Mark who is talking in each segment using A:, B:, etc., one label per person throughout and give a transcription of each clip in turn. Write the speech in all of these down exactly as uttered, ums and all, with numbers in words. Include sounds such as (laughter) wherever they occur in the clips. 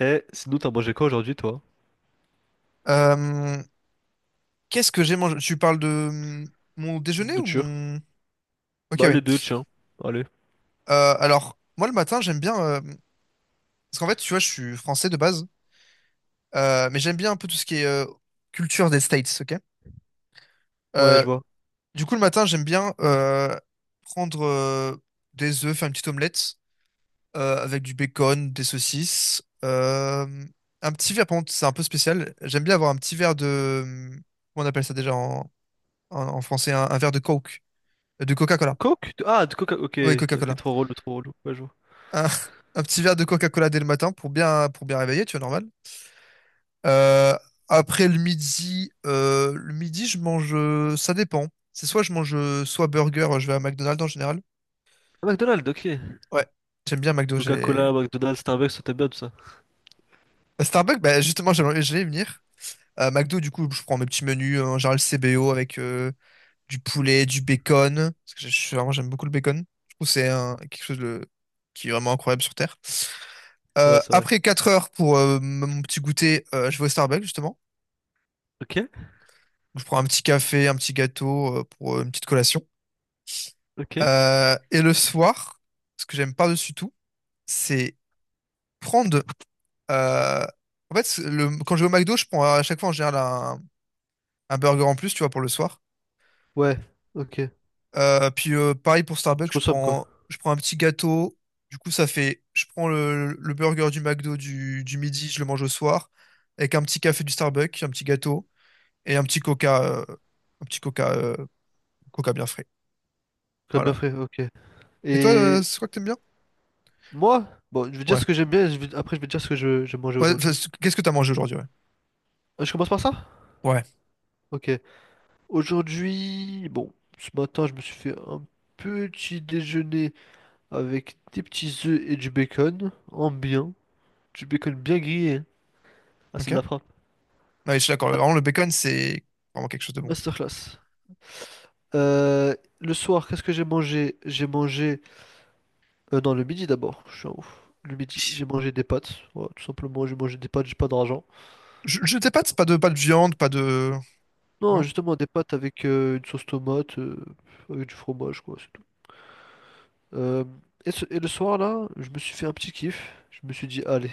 A: Eh, sinon, t'as mangé quoi aujourd'hui, toi?
B: Euh, Qu'est-ce que j'ai mangé? Tu parles de hum, mon déjeuner ou
A: Nourriture.
B: mon... Ok,
A: Bah,
B: oui.
A: les deux, tiens. Allez.
B: Euh, alors, moi, le matin, j'aime bien... euh, Parce qu'en fait, tu vois, je suis français de base, euh, mais j'aime bien un peu tout ce qui est euh, culture des States, ok?
A: Ouais,
B: Euh,
A: je vois.
B: du coup, le matin, j'aime bien euh, prendre euh, des œufs, faire une petite omelette euh, avec du bacon, des saucisses, euh, un petit verre, par contre, c'est un peu spécial. J'aime bien avoir un petit verre de... hum, Comment on appelle ça déjà en, en- en français? Un, un verre de Coke, de Coca-Cola.
A: Coke? Ah, de Coca. Ok,
B: Oui,
A: ok,
B: Coca-Cola.
A: trop relou, trop relou. Ouais, je vois.
B: un, un petit verre de Coca-Cola dès le matin pour bien, pour bien réveiller, tu vois, normal. Euh, après le midi, euh, le midi, je mange, euh, ça dépend. C'est soit je mange euh, soit burger, euh, je vais à McDonald's en général.
A: Ah, McDonald's, ok.
B: Ouais, j'aime bien McDo. J'ai
A: Coca-Cola, McDonald's, Starbucks, ça t'aime bien tout ça.
B: euh, Starbucks, bah, justement, j'allais j'allais y venir. Euh, McDo, du coup, je prends mes petits menus euh, en général C B O avec euh, du poulet, du bacon. Parce que je suis vraiment, j'aime beaucoup le bacon. Je trouve que c'est un- quelque chose de- qui est vraiment incroyable sur Terre. Euh,
A: Ouais, c'est vrai.
B: après quatre heures pour euh, mon petit goûter, euh, je vais au Starbucks justement.
A: Ok,
B: Je prends un petit café, un petit gâteau euh, pour euh, une petite collation.
A: ok.
B: Euh, et le soir, ce que j'aime par-dessus tout, c'est prendre. euh, En fait, c'est le, quand je vais au McDo, je prends à chaque fois en général un, un burger en plus, tu vois, pour le soir.
A: Ouais, ok.
B: Euh, puis euh, pareil pour
A: Je
B: Starbucks, je
A: consomme quoi?
B: prends, je prends un petit gâteau. Du coup, ça fait. Je prends le, le burger du McDo du, du midi, je le mange au soir, avec un petit café du Starbucks, un petit gâteau et un petit coca, euh, un petit coca, euh, coca bien frais.
A: Comme bien
B: Voilà.
A: fait, ok.
B: Et toi, euh,
A: Et
B: c'est quoi que t'aimes bien?
A: moi, bon, je vais dire ce
B: Ouais.
A: que j'aime bien, et je vais- après je vais dire ce que je, je vais manger
B: Ouais, enfin,
A: aujourd'hui.
B: c- Qu'est-ce que t'as mangé aujourd'hui, ouais.
A: Ah, je commence par ça?
B: Ouais.
A: Ok. Aujourd'hui, bon, ce matin, je me suis fait un petit déjeuner avec des petits œufs et du bacon en bien, du bacon bien grillé, hein. Ah, c'est de
B: Ok.
A: la frappe.
B: Ouais, je suis d'accord. Vraiment, le bacon, c'est vraiment quelque chose de bon.
A: Masterclass. Euh, le soir, qu'est-ce que j'ai mangé? J'ai mangé. Euh, non, le midi d'abord. Je suis un ouf. Le midi, j'ai mangé des pâtes. Voilà, tout simplement, j'ai mangé des pâtes, j'ai pas d'argent.
B: Je, je t'ai pas de, pas de, pas de viande, pas de...
A: Non,
B: Non?
A: justement, des pâtes avec euh, une sauce tomate, euh, avec du fromage, quoi, c'est tout. Euh, et, ce- et le soir, là, je me suis fait un petit kiff. Je me suis dit, allez,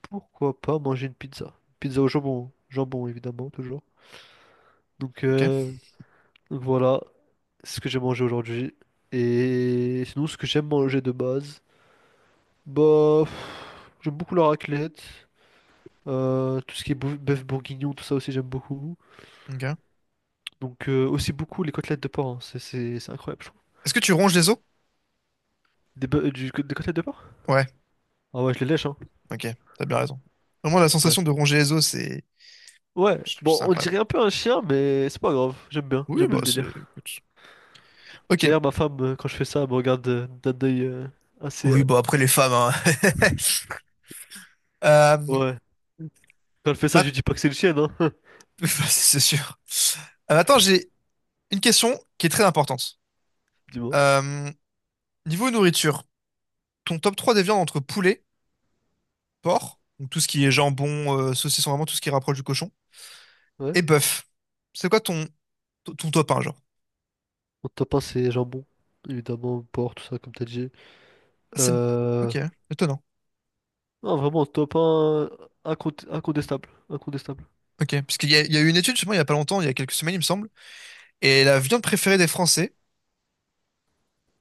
A: pourquoi pas manger une pizza? Pizza au jambon. Jambon, évidemment, toujours. Donc,
B: Ok.
A: euh, Voilà ce que j'ai mangé aujourd'hui. Et sinon, ce que j'aime manger de base, bah, pff, j'aime beaucoup la raclette, euh, tout ce qui est bou- bœuf bourguignon, tout ça aussi j'aime beaucoup.
B: Ok.
A: Donc euh, aussi beaucoup les côtelettes de porc, hein. C'est c'est- c'est incroyable, je trouve.
B: Est-ce que tu ronges les os?
A: Des, bœ- euh, du, des côtelettes de porc?
B: Ouais.
A: Ah ouais, je les lèche, hein.
B: Ok. T'as bien raison. Vraiment, la
A: Ouais.
B: sensation de ronger les os, c'est...
A: Ouais, bon,
B: C'est
A: on
B: incroyable.
A: dirait un peu un chien, mais c'est pas grave, j'aime bien,
B: Oui,
A: j'aime bien
B: bah,
A: le
B: c'est...
A: délire.
B: écoute. Ok.
A: D'ailleurs, ma femme, euh, quand je fais ça, elle me regarde euh, d'un œil euh, assez...
B: Oui,
A: euh,
B: bah, après, les femmes, hein. (laughs) Euh,
A: Ouais, quand elle fait ça, je
B: ma-
A: lui dis pas que c'est le chien, hein.
B: (laughs) C'est sûr. Euh, attends, j'ai une question qui est très importante.
A: (laughs) Dis-moi.
B: Euh, niveau nourriture, ton top trois des viandes entre poulet, porc, donc tout ce qui est jambon, euh, saucisson, vraiment tout ce qui rapproche du cochon,
A: Ouais.
B: et bœuf. C'est quoi ton, ton, ton top un, genre?
A: Mon top un c'est jambon, évidemment, porc, tout ça, comme t'as dit.
B: Ah, c'est...
A: Euh...
B: Ok, étonnant.
A: Non, vraiment, top un incont- incontestable, incontestable.
B: Ok, parce qu'il y a, il y a eu une étude, justement, il y a pas longtemps, il y a quelques semaines, il me semble, et la viande préférée des Français,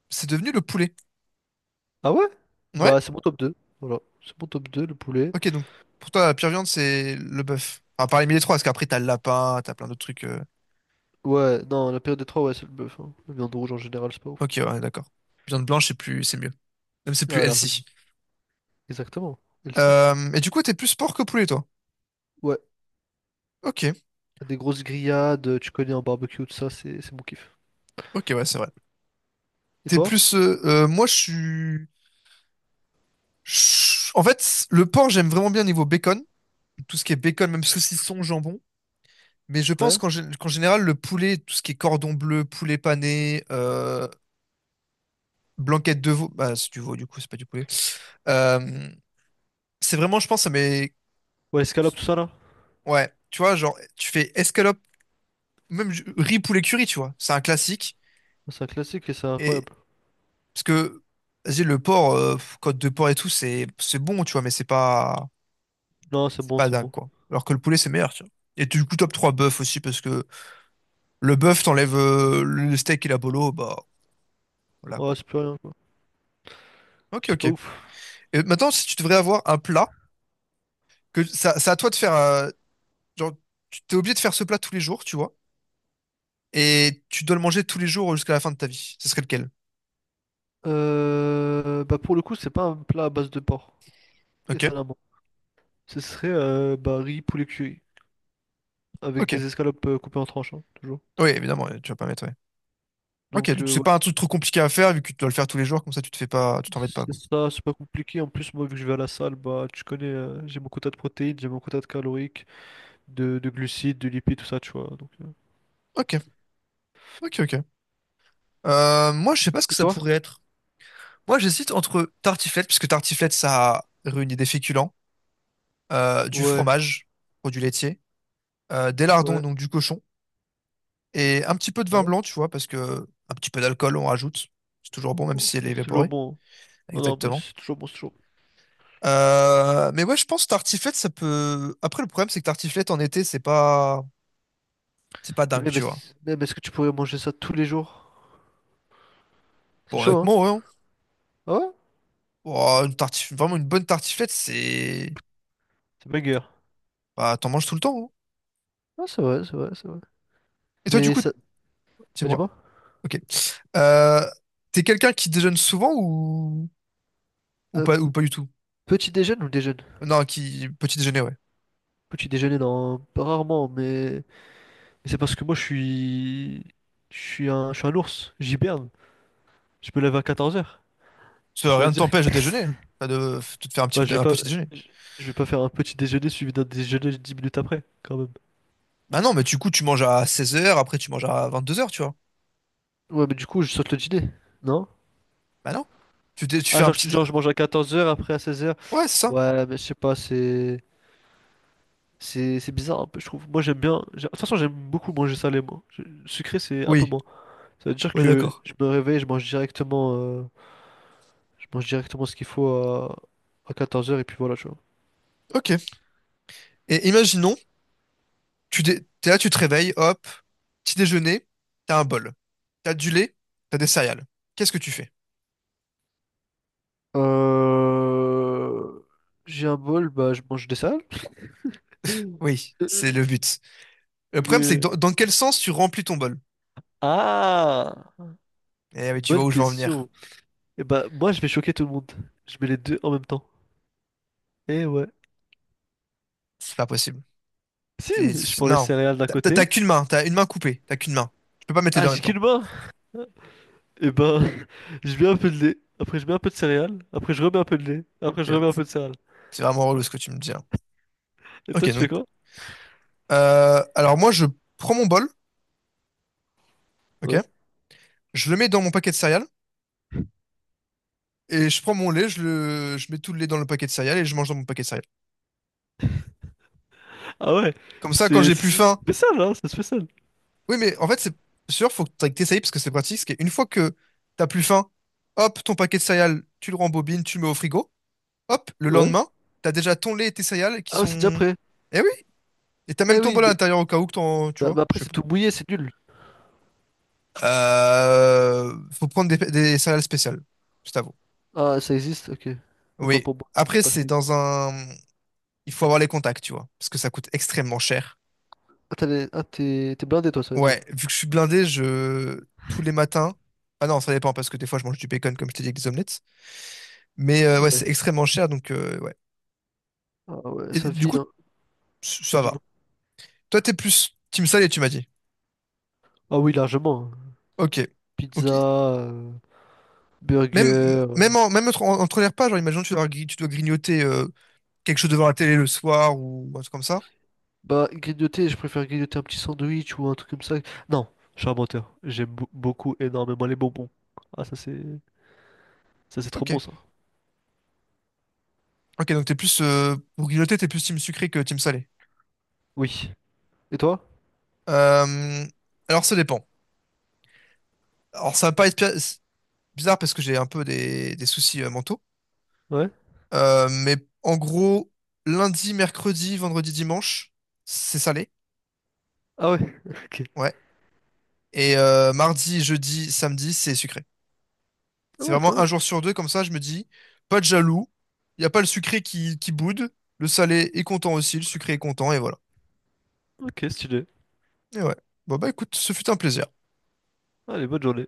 B: c'est devenu le poulet.
A: Ah ouais? Bah,
B: Ouais?
A: c'est mon top deux, voilà. C'est mon top deux le poulet.
B: Ok, donc pour toi, la pire viande, c'est le bœuf. Enfin, parmi les trois, parce qu'après, t'as le lapin, t'as plein d'autres trucs. euh.
A: Ouais, non, la période des trois, ouais, c'est le bœuf, hein. La viande rouge, en général, c'est pas ouf.
B: Ok, ouais, d'accord. Viande blanche, c'est plus, c'est mieux. Même c'est plus
A: Ah, la-
B: healthy.
A: exactement, elle sait.
B: Euh, et du coup, t'es plus porc que poulet, toi?
A: Ouais,
B: Ok,
A: des grosses grillades, tu connais, en barbecue, tout ça, c'est c'est mon kiff.
B: ok, ouais, c'est vrai.
A: Et
B: T'es
A: toi?
B: plus. euh, euh, moi, je suis. En fait, le porc, j'aime vraiment bien niveau bacon, tout ce qui est bacon, même saucisson, jambon. Mais je pense
A: Ouais?
B: qu'en gé- qu'en général, le poulet, tout ce qui est cordon bleu, poulet pané, euh, blanquette de veau, bah c'est du veau du coup, c'est pas du poulet. Euh, c'est vraiment, je pense, mais
A: Ouais, escalope, tout ça, là?
B: ouais, tu vois, genre, tu fais escalope, même ju- riz poulet curry, tu vois, c'est un classique.
A: C'est un classique et c'est
B: Et
A: incroyable.
B: parce que, vas-y, le porc, euh, pff, côte de porc et tout, c'est c'est bon, tu vois, mais c'est pas
A: Non, c'est
B: c'est
A: bon,
B: pas
A: c'est
B: dingue
A: bon.
B: quoi. Alors que le poulet, c'est meilleur, tu vois. Et du coup, top trois bœuf aussi parce que le bœuf, t'enlèves euh, le steak et la bolo, bah voilà
A: Ouais,
B: quoi.
A: c'est plus rien, quoi.
B: Ok,
A: C'est
B: ok.
A: pas ouf.
B: Et maintenant, si tu devrais avoir un plat, que ça- c'est à toi de faire. Euh, genre, tu t'es obligé de faire ce plat tous les jours, tu vois. Et tu dois le manger tous les jours jusqu'à la fin de ta vie. Ce serait lequel?
A: Euh, bah pour le coup, c'est pas un plat à base de porc,
B: Ok,
A: étonnamment. Ce serait euh, bah, riz poulet cuit avec
B: ok.
A: des escalopes euh, coupées en tranches, hein, toujours.
B: Oui, évidemment, euh, tu vas pas mettre, ouais. Ok,
A: Donc
B: donc
A: euh,
B: c'est
A: ouais,
B: pas un truc trop compliqué à faire vu que tu dois le faire tous les jours, comme ça tu te fais pas, tu t'embêtes pas,
A: c'est
B: quoi.
A: ça, c'est pas compliqué. En plus, moi, vu que je vais à la salle, bah tu connais, euh, j'ai mon quota de protéines, j'ai mon quota de caloriques, de, de glucides, de lipides, tout ça, tu vois. Donc, euh.
B: Ok, ok, ok. Euh, moi, je sais pas ce que
A: Et
B: ça
A: toi?
B: pourrait être. Moi, j'hésite entre tartiflette, puisque tartiflette, ça réunit des féculents, euh, du
A: Ouais,
B: fromage, produits laitiers euh, des lardons,
A: ouais,
B: donc du cochon, et un petit peu de vin
A: ouais.
B: blanc, tu vois, parce que un petit peu d'alcool, on rajoute. C'est toujours bon, même
A: Oh,
B: si elle est
A: c'est toujours
B: évaporée.
A: bon, hein. Non, non, mais
B: Exactement.
A: c'est toujours bon, c'est toujours bon.
B: Euh, mais ouais, je pense que tartiflette, ça peut. Après, le problème, c'est que tartiflette en été, c'est pas, c'est pas
A: Et
B: dingue,
A: même,
B: tu vois.
A: est-ce- même est-ce que tu pourrais manger ça tous les jours? C'est
B: Bon,
A: chaud, hein?
B: honnêtement, ouais. hein.
A: Ah ouais?
B: Oh, une tartif... Vraiment, une bonne tartiflette, c'est.
A: C'est banger.
B: Bah, t'en manges tout le temps. Hein.
A: Ah, c'est vrai, c'est vrai, c'est vrai.
B: Et toi, du
A: Mais
B: coup,
A: ça... Bah,
B: dis-moi.
A: dis-moi.
B: Ok. Euh, t'es quelqu'un qui déjeune souvent ou... ou
A: Euh,
B: pas ou pas du tout?
A: Petit déjeuner ou déjeuner?
B: Non, qui petit déjeuner, ouais.
A: Petit déjeuner, non, rarement, mais, mais c'est parce que moi je suis. Je suis un, je suis un ours, j'hiberne. Je me lève à quatorze heures.
B: Ça,
A: Ça
B: rien
A: veut
B: ne
A: dire
B: t'empêche de
A: que
B: déjeuner,
A: (laughs)
B: enfin, de, de te faire un petit,
A: bah, je vais
B: un
A: pas.
B: petit déjeuner.
A: Je je vais pas faire un petit déjeuner suivi d'un déjeuner dix minutes après, quand même.
B: Bah non, mais du coup, tu manges à seize heures après tu manges à vingt-deux heures tu vois.
A: Ouais, mais du coup, je saute le dîner, non?
B: Bah non. Tu, dé- tu fais
A: Ah,
B: un
A: genre,
B: petit.
A: je-
B: dé-
A: genre je mange à quatorze heures, après à seize heures.
B: Ouais, c'est ça.
A: Ouais, mais je sais pas, c'est. C'est c'est bizarre un peu, je trouve. Moi, j'aime bien. j'ai- De toute façon, j'aime beaucoup manger salé, moi. Je- Sucré, c'est un peu
B: Oui.
A: moins. Ça veut dire
B: Ouais,
A: que
B: d'accord.
A: je me réveille, je mange directement. euh, Je mange directement ce qu'il faut à, à, quatorze heures et puis voilà, tu vois.
B: Ok. Et imaginons, tu dé- t'es là, tu te réveilles, hop, petit déjeuner, t'as un bol. T'as du lait, t'as des céréales. Qu'est-ce que tu fais?
A: Euh... J'ai un bol, bah je mange des salades.
B: Oui, c'est le
A: (laughs)
B: but. Le problème, c'est que
A: Mais...
B: dans, dans quel sens tu remplis ton bol?
A: Ah!
B: Eh oui, tu vois
A: Bonne
B: où je veux en venir.
A: question. Et bah moi je vais choquer tout le monde. Je mets les deux en même temps. Eh ouais.
B: C'est pas possible.
A: Si, je
B: C'est-
A: prends les
B: Non.
A: céréales d'un
B: T'as t'as-
A: côté.
B: t'as qu'une main, t'as une main coupée, t'as qu'une main. Tu peux pas mettre les
A: Ah,
B: deux en
A: j'ai
B: même temps.
A: qu'une main! Et ben, (laughs) je mets un peu de lait. Après, je mets un peu de céréales. Après, je remets un peu de lait. Après, je remets un peu de céréales.
B: C'est vraiment relou ce que tu me dis là.
A: Et
B: Ok,
A: toi, tu fais
B: donc.
A: quoi?
B: euh, alors moi, je prends mon bol, ok?
A: Ouais.
B: Je le mets dans mon paquet de céréales. Et je prends mon lait, je le, je mets tout le lait dans le paquet de céréales et je mange dans mon paquet de céréales.
A: Ah ouais,
B: Comme ça, quand
A: c'est
B: j'ai
A: c'est-
B: plus
A: c'est
B: faim.
A: spécial, hein, c'est spécial.
B: Oui, mais en fait, c'est sûr, faut que t'essayes parce que c'est pratique. C'est qu'une fois que t'as plus faim, hop, ton paquet de céréales, tu le rembobines, tu le mets au frigo. Hop, le
A: Ouais.
B: lendemain, t'as déjà ton lait et tes céréales qui
A: Ah ouais, c'est déjà
B: sont.
A: prêt.
B: Eh oui! Et t'as même
A: Eh
B: ton
A: oui,
B: bol à
A: mais,
B: l'intérieur au cas où que t'en. Tu
A: bah-
B: vois,
A: bah
B: je
A: après
B: sais
A: c'est
B: pas.
A: tout mouillé, c'est nul.
B: Euh, faut prendre des, des céréales spéciales. C'est à vous.
A: Ah, ça existe, ok. Autant
B: Oui.
A: pour moi. Je
B: Après,
A: pas
B: c'est
A: ça.
B: dans un. Il faut avoir les contacts, tu vois, parce que ça coûte extrêmement cher.
A: Ah, t'as les- ah, t'es t'es blindé toi, ça veut dire.
B: Ouais, vu que je suis blindé, je. Tous les matins. Ah non, ça dépend, parce que des fois, je mange du bacon, comme je t'ai dit, avec des omelettes. Mais
A: Ah,
B: euh, ouais,
A: ouais.
B: c'est extrêmement cher, donc euh, ouais.
A: Ah ouais,
B: Et
A: ça
B: du
A: vit,
B: coup,
A: hein.
B: c-
A: Ouais,
B: ça
A: du
B: va.
A: moins.
B: Toi, t'es plus team salé, tu m'as dit.
A: Ah oui, largement, hein.
B: Ok.
A: Pizza,
B: Ok.
A: euh, burger.
B: Même,
A: euh.
B: même, en- même entre, en- entre les repas, genre, imagine, tu dois, gri- tu dois grignoter euh, quelque chose devant la télé le soir ou un truc comme ça.
A: Bah, grignoter, je préfère grignoter un petit sandwich ou un truc comme ça. Non, je suis un menteur. J'aime bou- beaucoup, énormément les bonbons. Ah, ça c'est ça c'est trop
B: Ok.
A: bon ça.
B: Ok, donc t'es plus. Euh, pour grignoter, t'es plus team sucré que team salé.
A: Oui. Et toi?
B: Euh, alors, ça dépend. Alors, ça va pas être pi- bizarre parce que j'ai un peu des, des soucis euh, mentaux.
A: Ouais?
B: Euh, mais en gros, lundi, mercredi, vendredi, dimanche, c'est salé.
A: Ah ouais, (laughs) ok.
B: Ouais. Et euh, mardi, jeudi, samedi, c'est sucré.
A: Ah
B: C'est
A: ouais, quand
B: vraiment un
A: même.
B: jour sur deux, comme ça, je me dis, pas de jaloux. Il n'y a pas le sucré qui, qui boude. Le salé est content aussi, le sucré est content, et voilà.
A: Ok, stylé.
B: Et ouais. Bon, bah écoute, ce fut un plaisir.
A: Allez, bonne journée.